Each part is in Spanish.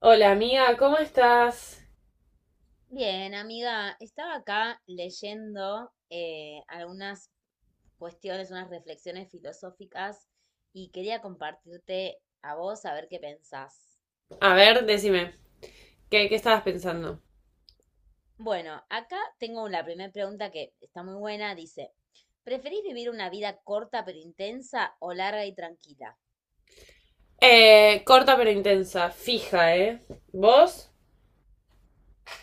Hola amiga, ¿cómo estás? Bien, amiga, estaba acá leyendo algunas cuestiones, unas reflexiones filosóficas y quería compartirte a vos a ver qué pensás. A ver, decime, ¿qué estabas pensando? Bueno, acá tengo la primera pregunta que está muy buena, dice, ¿preferís vivir una vida corta pero intensa o larga y tranquila? Corta pero intensa, fija, ¿eh? ¿Vos?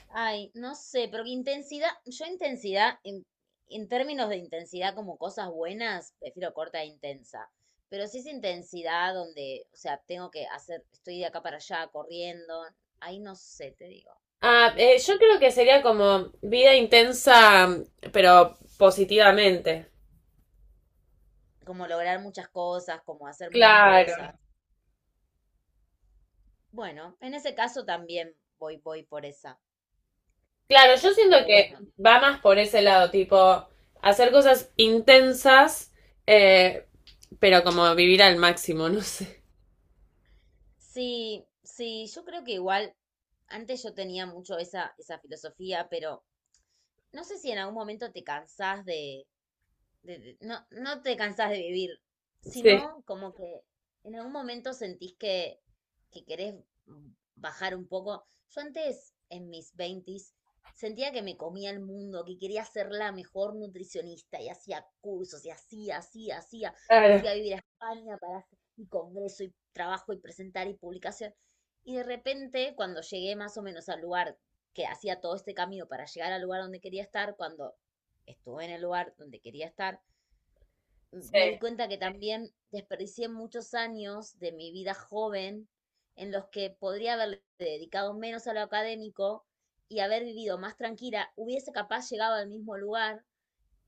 Ay, no sé, pero intensidad, yo intensidad, en términos de intensidad como cosas buenas, prefiero corta e intensa. Pero si es intensidad donde, o sea, tengo que hacer, estoy de acá para allá corriendo, ahí no sé, te digo, no Yo sé. creo que sería como vida intensa, pero positivamente. Como lograr muchas cosas, como hacer muchas cosas. Claro. Bueno, en ese caso también voy por esa. Claro, yo siento Pero que bueno, va más por ese lado, tipo, hacer cosas intensas, eh, pero como vivir al máximo, no sé. sí, sí, yo creo que igual, antes yo tenía mucho esa filosofía, pero no sé si en algún momento te cansás de no, no te cansás de vivir, Sí, sino como que en algún momento sentís que querés bajar un poco. Yo antes, en mis veintis, sentía que me comía el mundo, que quería ser la mejor nutricionista y hacía cursos y hacía, hacía, hacía. Me fui claro. a vivir a España para hacer mi congreso y trabajo y presentar y publicación. Y de repente, cuando llegué más o menos al lugar que hacía todo este camino para llegar al lugar donde quería estar, cuando estuve en el lugar donde quería estar, me di Sí. cuenta que también desperdicié muchos años de mi vida joven en los que podría haberle dedicado menos a lo académico y haber vivido más tranquila, hubiese capaz llegado al mismo lugar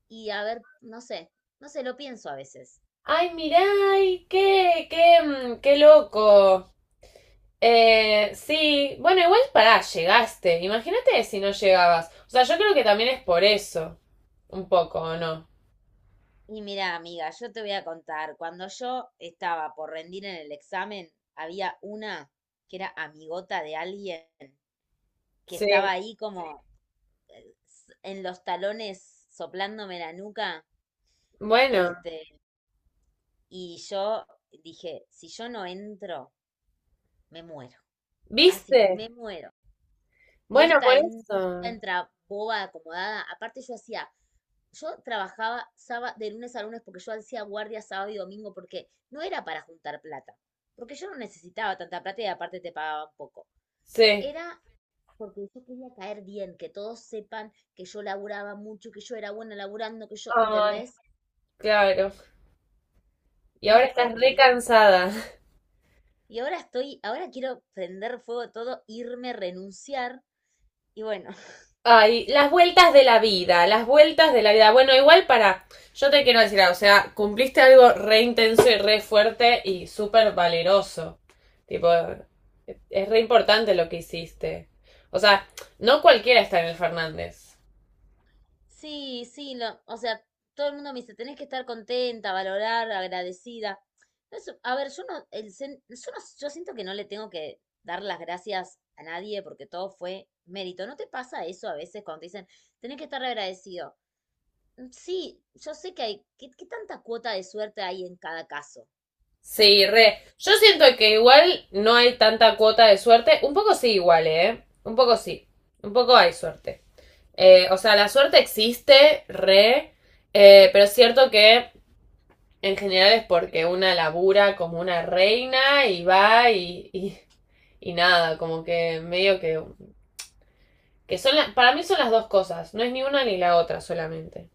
y haber, no sé, no sé, lo pienso a veces. Ay, mirá, ay, qué loco. Sí, bueno, igual pará, llegaste. Imagínate si no llegabas. O sea, yo creo que también es por eso. Un poco, ¿o no? Y mira, amiga, yo te voy a contar, cuando yo estaba por rendir en el examen, había una que era amigota de alguien que Sí. estaba ahí como en los talones soplándome la nuca, Bueno, este, y yo dije, si yo no entro, me muero. Así, me ¿viste? muero. Y Bueno, esta, por esta eso. entra boba, acomodada. Aparte yo trabajaba sábado, de lunes a lunes porque yo hacía guardia sábado y domingo porque no era para juntar plata. Porque yo no necesitaba tanta plata y aparte te pagaban poco. Sí. Era porque yo quería caer bien, que todos sepan que yo laburaba mucho, que yo era buena laburando, que yo, Ay, ¿entendés? claro. Y Una ahora estás re porquería. cansada. Ahora quiero prender fuego todo, irme, renunciar. Y bueno, Ay, las vueltas de la vida, las vueltas de la vida. Bueno, igual para. Yo te quiero decir, algo, o sea, cumpliste algo re intenso y re fuerte y súper valeroso. Tipo, es re importante lo que hiciste. O sea, no cualquiera está en el Fernández. sí, sí, o sea, todo el mundo me dice, tenés que estar contenta, valorar, agradecida. No es- A ver, yo no, el, sen- yo no- yo siento que no le tengo que dar las gracias a nadie porque todo fue mérito. ¿No te pasa eso a veces cuando te dicen, tenés que estar agradecido? Sí, yo sé que hay, ¿ qué tanta cuota de suerte hay en cada caso? Sí, re. Yo siento que igual no hay tanta cuota de suerte. Un poco sí, igual, ¿eh? Un poco sí. Un poco hay suerte. O sea, la suerte existe, re. Pero es cierto que en general es porque una labura como una reina y va y nada, como que medio que son para mí son las dos cosas, no es ni una ni la otra solamente.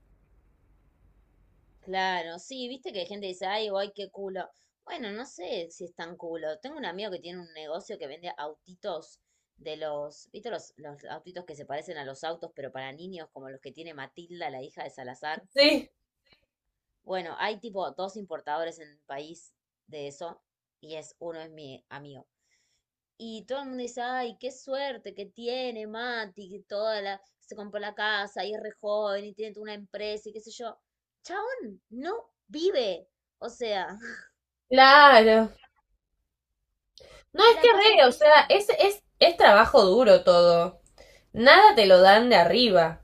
Claro, sí, viste que hay gente que dice, ay, ay, qué culo. Bueno, no sé si es tan culo. Tengo un amigo que tiene un negocio que vende autitos viste los autitos que se parecen a los autos, pero para niños, como los que tiene Matilda, la hija de Salazar. Sí, Bueno, hay tipo dos importadores en el país de eso, y es, uno es mi amigo. Y todo el mundo dice, ay, qué suerte que tiene Mati, que toda la, se compró la casa y es re joven y tiene toda una empresa y qué sé yo. Chabón, no vive. O sea, claro. No, y es que la pasa re, o sea, pésimo. Es trabajo duro todo. Nada te lo dan de arriba.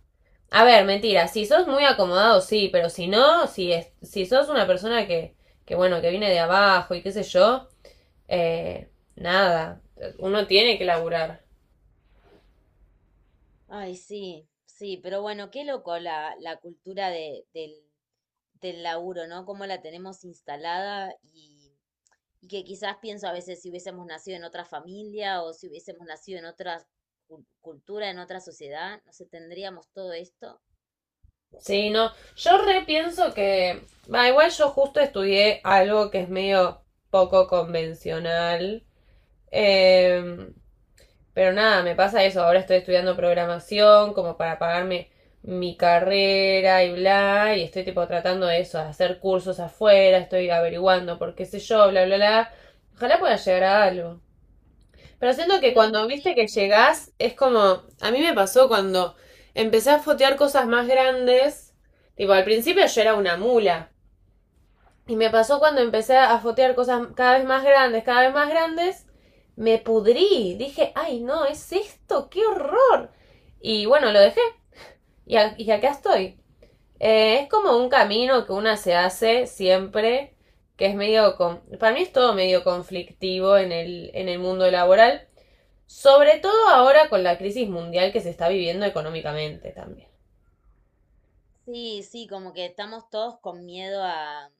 A ver, mentira, si sos muy acomodado, sí, pero si no, si sos una persona bueno, que viene de abajo y qué sé yo, eh, nada. Uno tiene que laburar. Ay, sí, sí, pero bueno, qué loco la cultura del laburo, ¿no? Cómo la tenemos instalada y que quizás pienso a veces si hubiésemos nacido en otra familia o si hubiésemos nacido en otra cultura, en otra sociedad, no sé, tendríamos todo esto. Sí, no. Yo repienso que. Va, igual yo justo estudié algo que es medio poco convencional. Em, pero nada, me pasa eso. Ahora estoy estudiando programación como para pagarme mi carrera y bla. Y estoy tipo tratando de eso, de hacer cursos afuera. Estoy averiguando por qué sé yo, bla, bla, bla. Ojalá pueda llegar a algo. Pero siento que Pero cuando sí, viste que llegás, es como, a mí me pasó cuando empecé a fotear cosas más grandes, tipo, al principio yo era una mula, y me pasó cuando empecé a fotear cosas cada vez más grandes, cada vez más grandes, me pudrí, dije, ay no, es esto, qué horror. Y bueno, lo dejé, y, y acá estoy. Es como un camino que una se hace siempre, que es medio, para mí es todo medio conflictivo en en el mundo laboral. Sobre todo ahora con la crisis mundial que se está viviendo económicamente también. sí, sí, como que estamos todos con miedo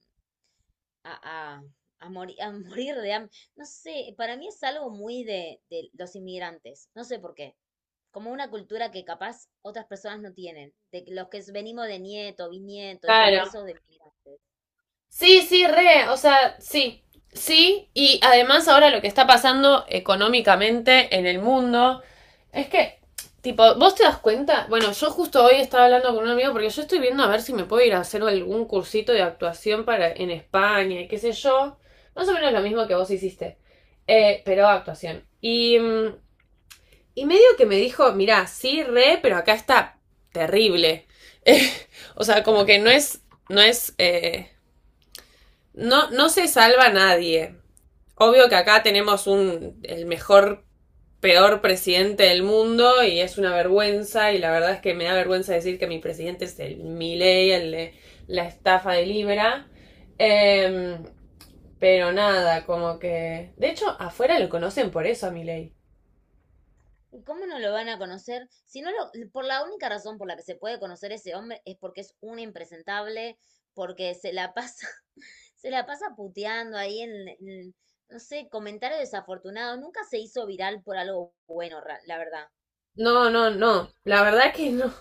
a, a morir de hambre. No sé, para mí es algo muy de los inmigrantes, no sé por qué. Como una cultura que capaz otras personas no tienen, de que los que venimos de nieto, bisnieto y todo Claro. eso de inmigrantes. Sí, sí, re, o sea, sí. Sí, y además ahora lo que está pasando económicamente en el mundo es que, tipo, vos te das cuenta, bueno, yo justo hoy estaba hablando con un amigo porque yo estoy viendo a ver si me puedo ir a hacer algún cursito de actuación para en España y qué sé yo, más o menos lo mismo que vos hiciste, pero actuación. Y medio que me dijo, mirá, sí, re, pero acá está terrible. Eh, o sea, como que no es, no, no se salva nadie. Obvio que acá tenemos un, el mejor, peor presidente del mundo y es una vergüenza y la verdad es que me da vergüenza decir que mi presidente es el Milei, el de la estafa de Libra. Eh, pero nada, como que... De hecho, afuera lo conocen por eso a Milei. ¿Y cómo no lo van a conocer? Si no lo, por la única razón por la que se puede conocer ese hombre es porque es un impresentable, porque se la pasa, se la pasa puteando ahí no sé, comentario desafortunado. Nunca se hizo viral por algo bueno, la verdad. No, no, no. La verdad que no.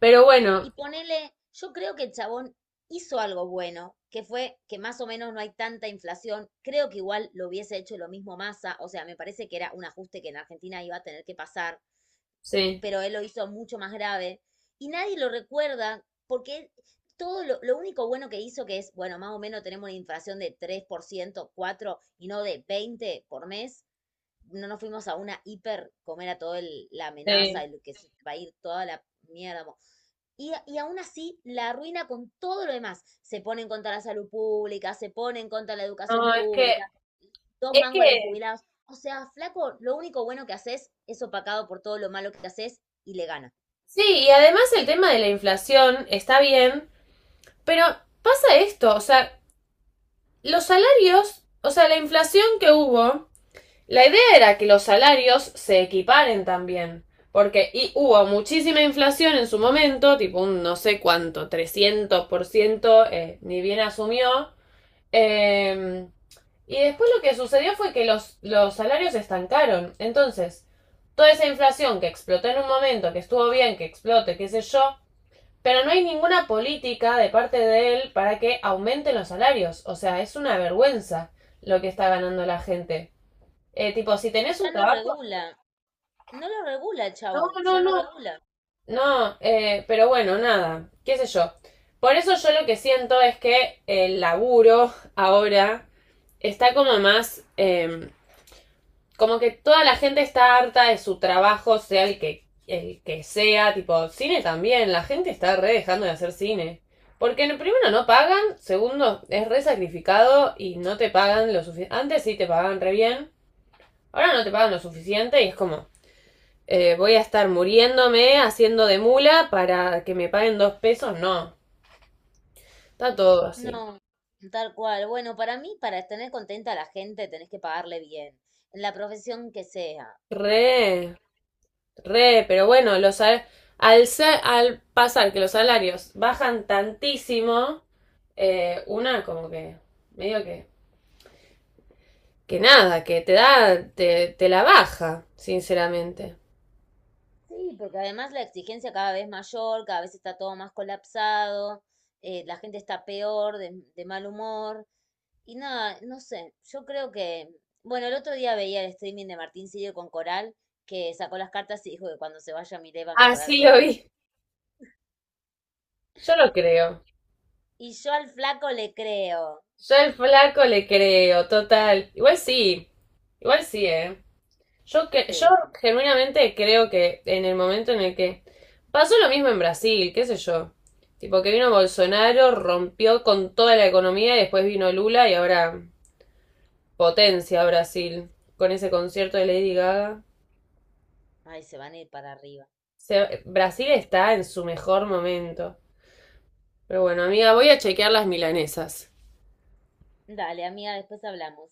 Pero Y bueno, ponele, yo creo que el chabón hizo algo bueno, que fue que más o menos no hay tanta inflación. Creo que igual lo hubiese hecho lo mismo Massa, o sea, me parece que era un ajuste que en Argentina iba a tener que pasar, sí, pero él lo hizo mucho más grave. Y nadie lo recuerda porque todo lo único bueno que hizo, que es, bueno, más o menos tenemos una inflación de 3%, 4% y no de 20% por mes, no nos fuimos a una hiper, comer a toda la amenaza, sí. el que se va a ir toda la mierda. Y aún así la arruina con todo lo demás. Se pone en contra de la salud pública, se pone en contra de la educación No, pública, dos es mangos a los que, jubilados. O sea, flaco, lo único bueno que haces es opacado por todo lo malo que haces y le ganas. sí, y además el tema de la inflación está bien, pero pasa esto, o sea, los salarios, o sea, la inflación que hubo, la idea era que los salarios se equiparen también. Porque y hubo muchísima inflación en su momento, tipo un no sé cuánto, 300%, ni bien asumió. Eh, y después lo que sucedió fue que los salarios estancaron. Entonces, toda esa inflación que explotó en un momento, que estuvo bien, que explote, qué sé yo, pero no hay ninguna política de parte de él para que aumenten los salarios. O sea, es una vergüenza lo que está ganando la gente. Tipo, si tenés Ya un no trabajo... regula, no lo regula el No, chabón, no, ya no no. regula. No, pero bueno, nada, qué sé yo. Por eso yo lo que siento es que el laburo ahora está como más... como que toda la gente está harta de su trabajo, sea el que sea, tipo, cine también, la gente está re dejando de hacer cine. Porque primero no pagan, segundo es re sacrificado y no te pagan lo suficiente. Antes sí te pagaban re bien, ahora no te pagan lo suficiente y es como, voy a estar muriéndome haciendo de mula para que me paguen dos pesos, no. Está todo así. No, tal cual. Bueno, para mí, para tener contenta a la gente, tenés que pagarle bien, en la profesión que sea. Re. Re, pero bueno, al, al pasar que los salarios bajan tantísimo, una como que, medio que nada, que te da, te la baja, sinceramente. Sí, porque además la exigencia cada vez mayor, cada vez está todo más colapsado, la gente está peor, de mal humor. Y nada, no sé, yo creo que, bueno, el otro día veía el streaming de Martín Sirio con Coral, que sacó las cartas y dijo que cuando se vaya Milei va a mejorar Así todo. lo vi. Yo lo creo. Y yo al flaco le creo, Yo al flaco le creo, total. Igual sí, ¿eh? Yo sí. genuinamente creo que en el momento en el que pasó lo mismo en Brasil, qué sé yo, tipo que vino Bolsonaro, rompió con toda la economía y después vino Lula y ahora potencia Brasil con ese concierto de Lady Gaga. Ay, se van a ir para arriba. Brasil está en su mejor momento. Pero bueno, amiga, voy a chequear las milanesas. Dale, amiga, después hablamos.